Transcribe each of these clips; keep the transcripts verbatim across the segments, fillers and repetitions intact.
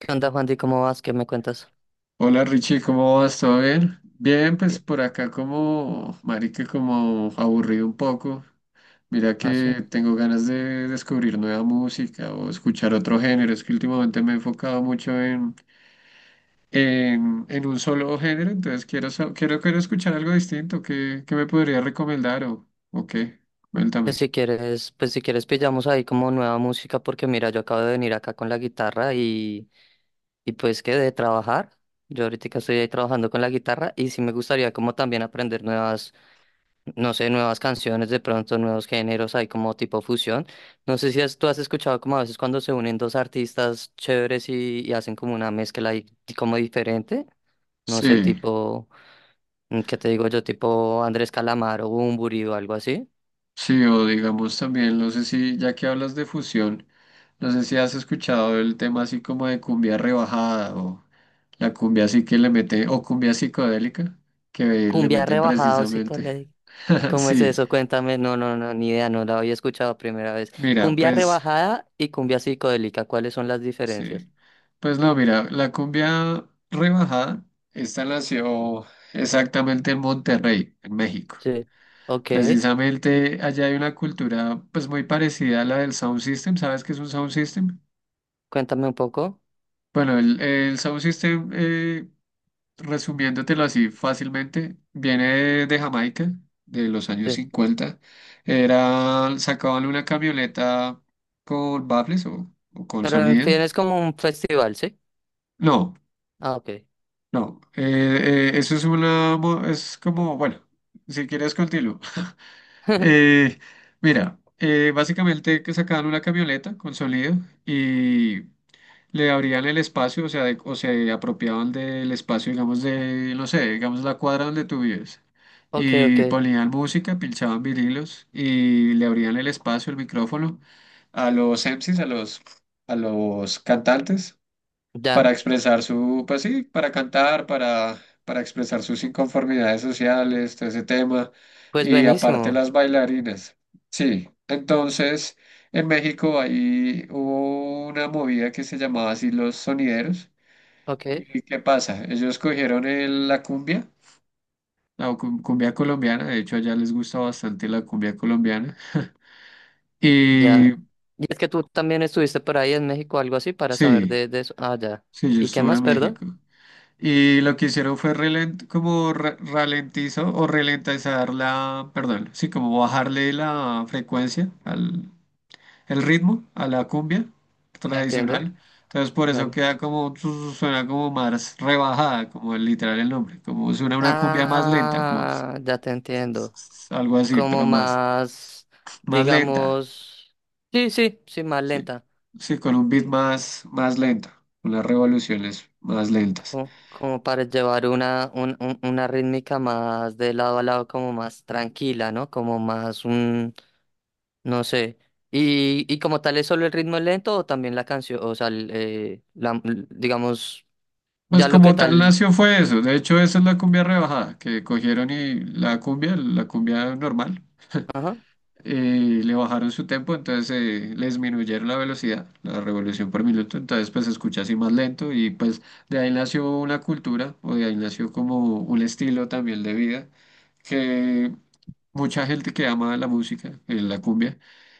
¿Qué onda, Juan? ¿Y cómo vas? ¿Qué me cuentas? Hola Richie, ¿cómo vas? ¿Todo bien? Bien, pues Bien. por acá como, marica, como aburrido un poco. Mira Ah, sí. que tengo ganas de descubrir nueva música o escuchar otro género. Es que últimamente me he enfocado mucho en, en, en un solo género, entonces quiero, sa- quiero, quiero escuchar algo distinto. ¿Qué, qué me podría recomendar o, o qué? Pues Cuéntame. si quieres, pues si quieres pillamos ahí como nueva música, porque mira, yo acabo de venir acá con la guitarra y, y pues que de trabajar. Yo ahorita estoy ahí trabajando con la guitarra y sí me gustaría como también aprender nuevas, no sé, nuevas canciones, de pronto nuevos géneros, ahí como tipo fusión. No sé si has- tú has escuchado como a veces cuando se unen dos artistas chéveres y, y hacen como una mezcla ahí como diferente, no sé, Sí. tipo... Mm, ¿Qué te digo yo? Tipo Andrés Calamaro, Bunbury o algo así. Sí, o digamos también, no sé si, ya que hablas de fusión, no sé si has escuchado el tema así como de cumbia rebajada o la cumbia así que le mete, o cumbia psicodélica que le Cumbia meten rebajado, precisamente. psicológico. ¿Cómo es Sí, eso? Cuéntame. No, no, no, ni idea, no la había escuchado primera vez. mira, Cumbia pues, rebajada y cumbia psicodélica, ¿cuáles son las diferencias? sí. Pues no, mira, la cumbia rebajada, esta nació exactamente en Monterrey, en México. Sí. Ok, Precisamente allá hay una cultura pues muy parecida a la del sound system. ¿Sabes qué es un sound system? cuéntame un poco. Bueno, el, el Sound System, eh, resumiéndotelo así fácilmente, viene de Jamaica, de los años Sí. cincuenta. Era, sacaban una camioneta con baffles o, o con Pero en sonido. fin, es como un festival, ¿sí? No, Ah, ok. no, eh, eh, eso es una, mo- es como, bueno, si quieres continúo. Eh, mira, eh, básicamente que sacaban una camioneta con sonido le abrían el espacio, o sea, de- o se apropiaban del espacio, digamos, de, no sé, digamos la cuadra donde tú vives. Ok, ok. Y ponían música, pinchaban vinilos y le abrían el espacio, el micrófono a los M Cs, a los, a los cantantes para Ya. expresar su, pues sí, para cantar, para, para expresar sus inconformidades sociales, todo ese tema, Pues y aparte buenísimo. las bailarinas. Sí, entonces en México ahí hubo una movida que se llamaba así los sonideros. Ok, ¿Y qué pasa? Ellos cogieron el- la cumbia, la cum- cumbia colombiana, de hecho allá les gusta bastante la cumbia colombiana. Y ya. Y es que tú también estuviste por ahí en México, algo así, para saber sí, de, de eso. Ah, ya. sí, yo ¿Y qué estuve más, en perdón? México. Y lo que hicieron fue ralen- como ra- ralentizó o ralentizar la, perdón, sí, como bajarle la frecuencia al el ritmo a la cumbia Ya entiendo. tradicional. Entonces por eso Dale. queda como su- suena como más rebajada, como el literal el nombre, como suena una cumbia más lenta, como s- Ah, ya te entiendo. s- algo así, Como pero más más, más lenta. digamos, sí, sí, sí, más Sí. lenta. Sí, con un beat Sí, más más lenta, unas revoluciones más lentas. como, como para llevar una, un- un- una rítmica más de lado a lado, como más tranquila, ¿no? Como más un, no sé. Y, y como tal es solo el ritmo lento o también la canción, o sea, el, eh, la, digamos, Pues ya lo que como tal tal. nació fue eso. De hecho, esa es la cumbia rebajada, que cogieron y la cumbia, la cumbia normal, Ajá. eh, le bajaron su tempo, entonces eh, le disminuyeron la velocidad, la revolución por minuto, entonces pues se escucha así más lento y pues de ahí nació una cultura o de ahí nació como un estilo también de vida. Que mucha gente que ama la música, eh, la cumbia,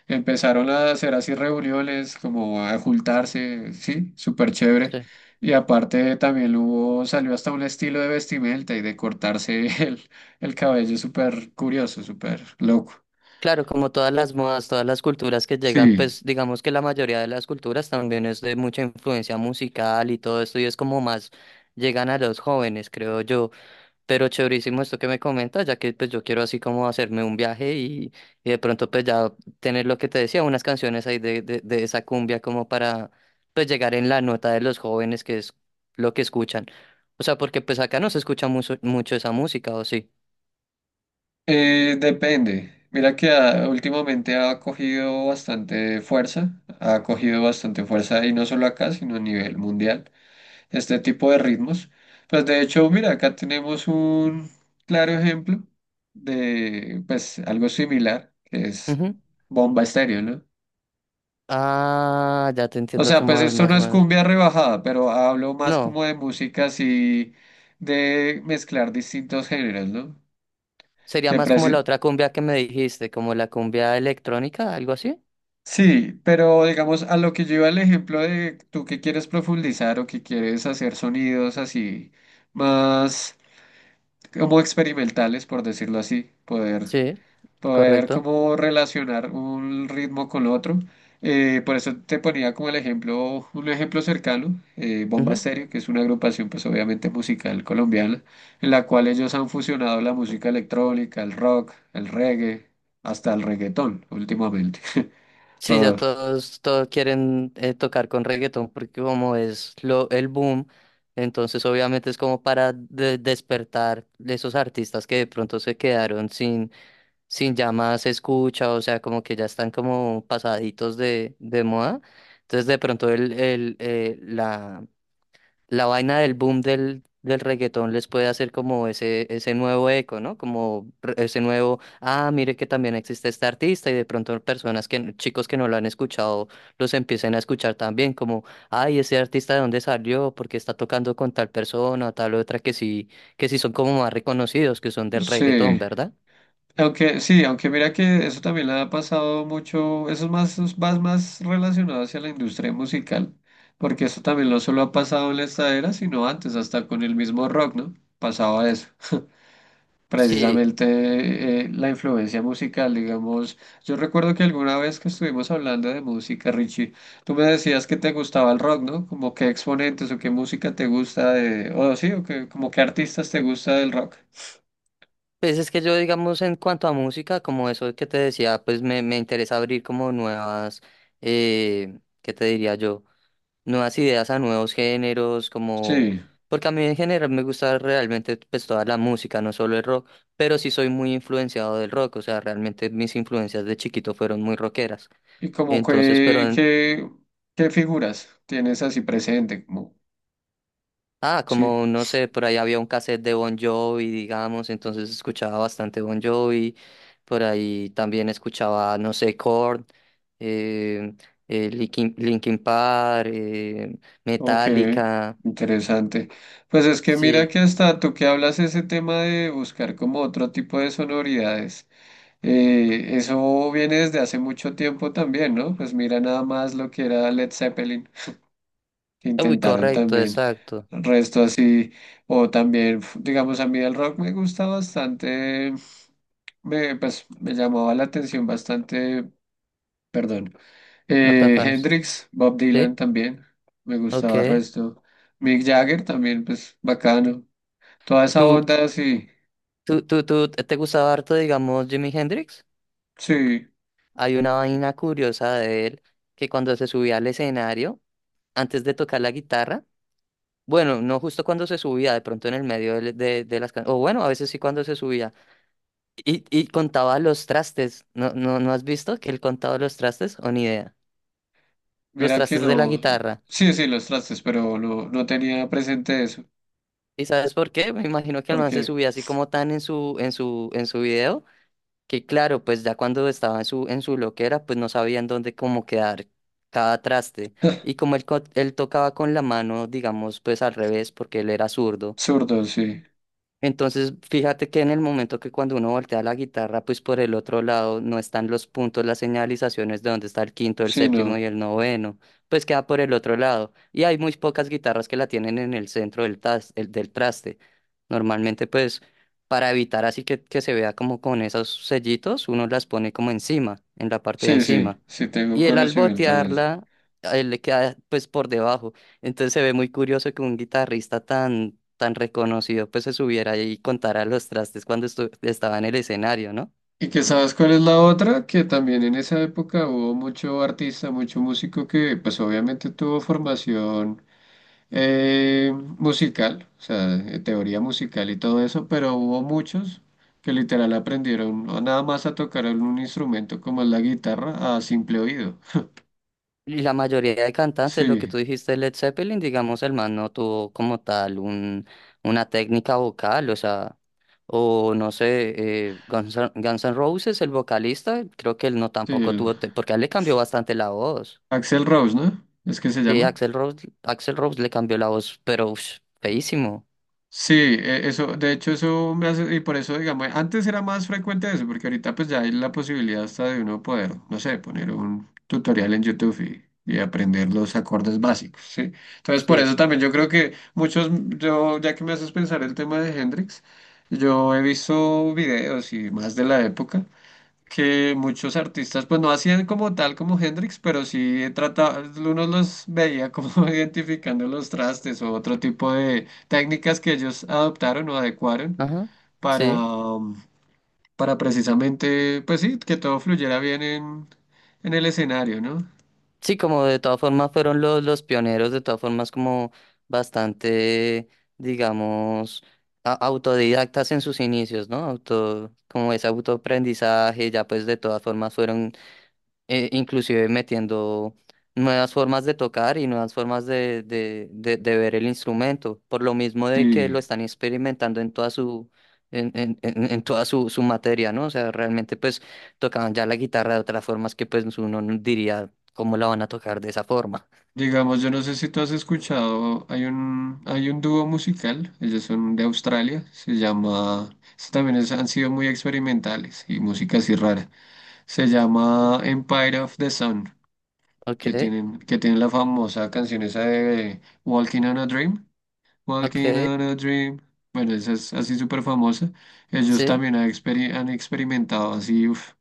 empezaron a hacer así reuniones, como a juntarse, sí, súper chévere. Sí. Y aparte también hubo, salió hasta un estilo de vestimenta y de cortarse el, el cabello súper curioso, súper loco. Claro, como todas las modas, todas las culturas que llegan, Sí, pues digamos que la mayoría de las culturas también es de mucha influencia musical y todo esto, y es como más llegan a los jóvenes, creo yo. Pero chéverísimo esto que me comentas, ya que pues yo quiero así como hacerme un viaje y, y de pronto pues ya tener lo que te decía, unas canciones ahí de, de, de esa cumbia como para pues llegar en la nota de los jóvenes, que es lo que escuchan. O sea, porque pues acá no se escucha mucho, mucho esa música, ¿o sí? eh, depende. Mira que ah, últimamente ha cogido bastante fuerza, ha cogido bastante fuerza y no solo acá, sino a nivel mundial. Este tipo de ritmos. Pues de hecho, mira, acá tenemos un claro ejemplo de pues algo similar, que es Ujú. Bomba Estéreo, ¿no? Ah, ya te O entiendo sea, pues cómo es esto más no o es menos. cumbia rebajada, pero hablo más No, como de música así, de mezclar distintos géneros, ¿no? sería Que más como preci- la otra cumbia que me dijiste, como la cumbia electrónica, algo así. Sí, pero digamos a lo que yo iba el ejemplo de tú que quieres profundizar o que quieres hacer sonidos así más como experimentales, por decirlo así, poder Sí, poder correcto. como relacionar un ritmo con otro. Eh, por eso te ponía como el ejemplo, un ejemplo cercano, eh, Bomba Ujú. Estéreo, que es una agrupación pues obviamente musical colombiana, en la cual ellos han fusionado la música electrónica, el rock, el reggae, hasta el reggaetón últimamente. Sí, ya Todo. todos, todos quieren eh, tocar con reggaetón porque como es lo, el boom, entonces obviamente es como para de- despertar de esos artistas que de pronto se quedaron sin, sin ya más escucha, o sea, como que ya están como pasaditos de, de moda. Entonces de pronto el, el, eh, la la vaina del boom del, del reggaetón les puede hacer como ese, ese nuevo eco, ¿no? Como re- ese nuevo, ah, mire que también existe este artista y de pronto personas que, chicos que no lo han escuchado, los empiecen a escuchar también, como, ay, ese artista de dónde salió, porque está tocando con tal persona, tal otra, que sí, que sí son como más reconocidos, que son del reggaetón, Sí. ¿verdad? Aunque sí, aunque mira que eso también le ha pasado mucho, eso es más, es más, más relacionado hacia la industria musical, porque eso también no solo ha pasado en la estadera, sino antes, hasta con el mismo rock, ¿no? Pasaba eso. Sí, Precisamente eh, la influencia musical, digamos. Yo recuerdo que alguna vez que estuvimos hablando de música, Richie, tú me decías que te gustaba el rock, ¿no? Como qué exponentes o qué música te gusta de, o sí, o que, como qué artistas te gusta del rock. pues es que yo digamos en cuanto a música, como eso que te decía, pues me, me interesa abrir como nuevas, eh, ¿qué te diría yo? Nuevas ideas a nuevos géneros, como, Sí. porque a mí en general me gusta realmente pues toda la música, no solo el rock, pero sí soy muy influenciado del rock, o sea, realmente mis influencias de chiquito fueron muy rockeras. ¿Y como Entonces, pero, qué, en- qué, qué figuras tienes así presente? Como, ah, sí, como, no sé, por ahí había un cassette de Bon Jovi, digamos, entonces escuchaba bastante Bon Jovi, por ahí también escuchaba, no sé, Korn, eh, eh, Linkin, Linkin Park, eh, ok, Metallica, interesante. Pues es que mira sí, que hasta tú que hablas ese tema de buscar como otro tipo de sonoridades, eh, eso viene desde hace mucho tiempo también, ¿no? Pues mira nada más lo que era Led Zeppelin, que uy, intentaron correcto, también, exacto. resto así, o también, f- digamos, a mí el rock me gusta bastante, me, pues me llamaba la atención bastante, perdón. No tan Eh, fanes. Hendrix, Bob Dylan ¿Sí? también, me gustaba el Ok. resto. Mick Jagger también, pues bacano. Toda esa ¿Tú, onda, sí, tú, tú, tú te gustaba harto, digamos, Jimi Hendrix? sí, Hay una vaina curiosa de él que cuando se subía al escenario, antes de tocar la guitarra, bueno, no justo cuando se subía, de pronto en el medio de, de, de las canciones, o bueno, a veces sí cuando se subía, y, y contaba los trastes. ¿No, no, no has visto que él contaba los trastes? O ni idea. Los mira que trastes de la no, guitarra. sí, sí, los trastes, pero no, no tenía presente eso, ¿Y sabes por qué? Me imagino que el man se porque subía así como tan en su, en su, en su video. Que claro, pues ya cuando estaba en su, en su loquera, pues no sabían dónde cómo quedar cada traste. Y como él, co- él tocaba con la mano, digamos, pues al revés, porque él era zurdo, zurdo, sí, entonces, fíjate que en el momento que cuando uno voltea la guitarra, pues por el otro lado no están los puntos, las señalizaciones de dónde está el quinto, el sí, séptimo y no, el noveno, pues queda por el otro lado. Y hay muy pocas guitarras que la tienen en el centro del, tas- el- del traste. Normalmente, pues para evitar así que, que se vea como con esos sellitos, uno las pone como encima, en la parte de sí, encima. sí, sí tengo Y el al conocimiento de eso. botearla, eh, le queda pues por debajo. Entonces se ve muy curioso que un guitarrista tan, tan reconocido pues se subiera ahí y contara los trastes cuando estu- estaba en el escenario, ¿no? Y que sabes cuál es la otra, que también en esa época hubo mucho artista, mucho músico que pues obviamente tuvo formación eh, musical, o sea, eh, teoría musical y todo eso, pero hubo muchos que literal aprendieron a nada más a tocar un instrumento como es la guitarra a simple oído. Y la mayoría de cantantes, lo que Sí, tú dijiste, Led Zeppelin, digamos, el man no tuvo como tal un, una técnica vocal, o sea, o no sé, eh, Guns, N- Guns N' Roses, el vocalista, creo que él no sí, tampoco el tuvo, te- porque a él le cambió bastante la voz. Axel Rose, ¿no? Es que se Sí, llama. Axel Rose, Axl Rose le cambió la voz, pero ush, feísimo. Sí, e- eso, de hecho eso me hace, y por eso digamos, antes era más frecuente eso, porque ahorita pues ya hay la posibilidad hasta de uno poder, no sé, poner un tutorial en YouTube y, y aprender los acordes básicos, ¿sí? Entonces por Sí. eso también yo creo que muchos, yo, ya que me haces pensar el tema de Hendrix, yo he visto videos y más de la época, que muchos artistas, pues no hacían como tal como Hendrix, pero sí trataba, uno los veía como identificando los trastes o otro tipo de técnicas que ellos adoptaron o adecuaron Ajá. para, Sí. um, para precisamente, pues sí, que todo fluyera bien en, en el escenario, ¿no? Sí, como de todas formas fueron los, los pioneros, de todas formas como bastante, digamos, a- autodidactas en sus inicios, ¿no? Auto, como ese autoaprendizaje, ya pues de todas formas fueron eh, inclusive metiendo nuevas formas de tocar y nuevas formas de, de, de, de ver el instrumento, por lo mismo de que Sí. lo están experimentando en toda su, en, en, en- en toda su, su materia, ¿no? O sea, realmente pues tocaban ya la guitarra de otras formas que pues uno no diría cómo la van a tocar de esa forma. Digamos, yo no sé si tú has escuchado, hay un, hay un dúo musical, ellos son de Australia, se llama, estos también es- han sido muy experimentales y música así rara. Se llama Empire of the Sun, Ok, que tienen, que tienen la famosa canción esa de Walking on a Dream. Walking ok, on a Dream. Bueno, esa es así súper famosa. Ellos sí, también han, experi- han experimentado así uf,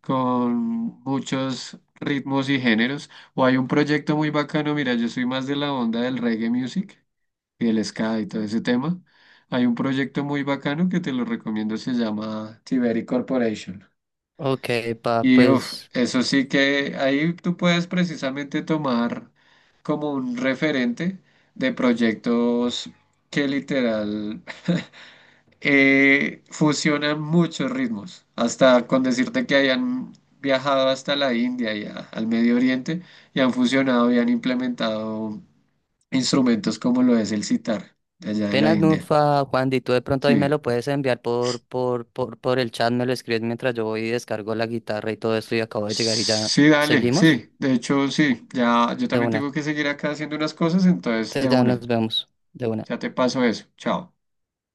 con muchos ritmos y géneros. O hay un proyecto muy bacano, mira, yo soy más de la onda del reggae music y el ska y todo ese tema. Hay un proyecto muy bacano que te lo recomiendo, se llama Tiberi Corporation. ok, pa, Y uf, pues... eso sí que ahí tú puedes precisamente tomar como un referente de proyectos que literal eh, fusionan muchos ritmos, hasta con decirte que hayan viajado hasta la India y a- al Medio Oriente y han fusionado y han implementado instrumentos como lo es el sitar de allá de la Apenas India. Nufa, Juan, y tú de pronto ahí me Sí. lo puedes enviar por, por, por, por el chat, me lo escribes mientras yo voy y descargo la guitarra y todo esto y acabo de llegar y ya Sí, dale, seguimos sí. De hecho, sí. Ya, yo de también tengo una. que seguir acá haciendo unas cosas, entonces de Entonces ya una. nos vemos de una. Ya te paso eso. Chao.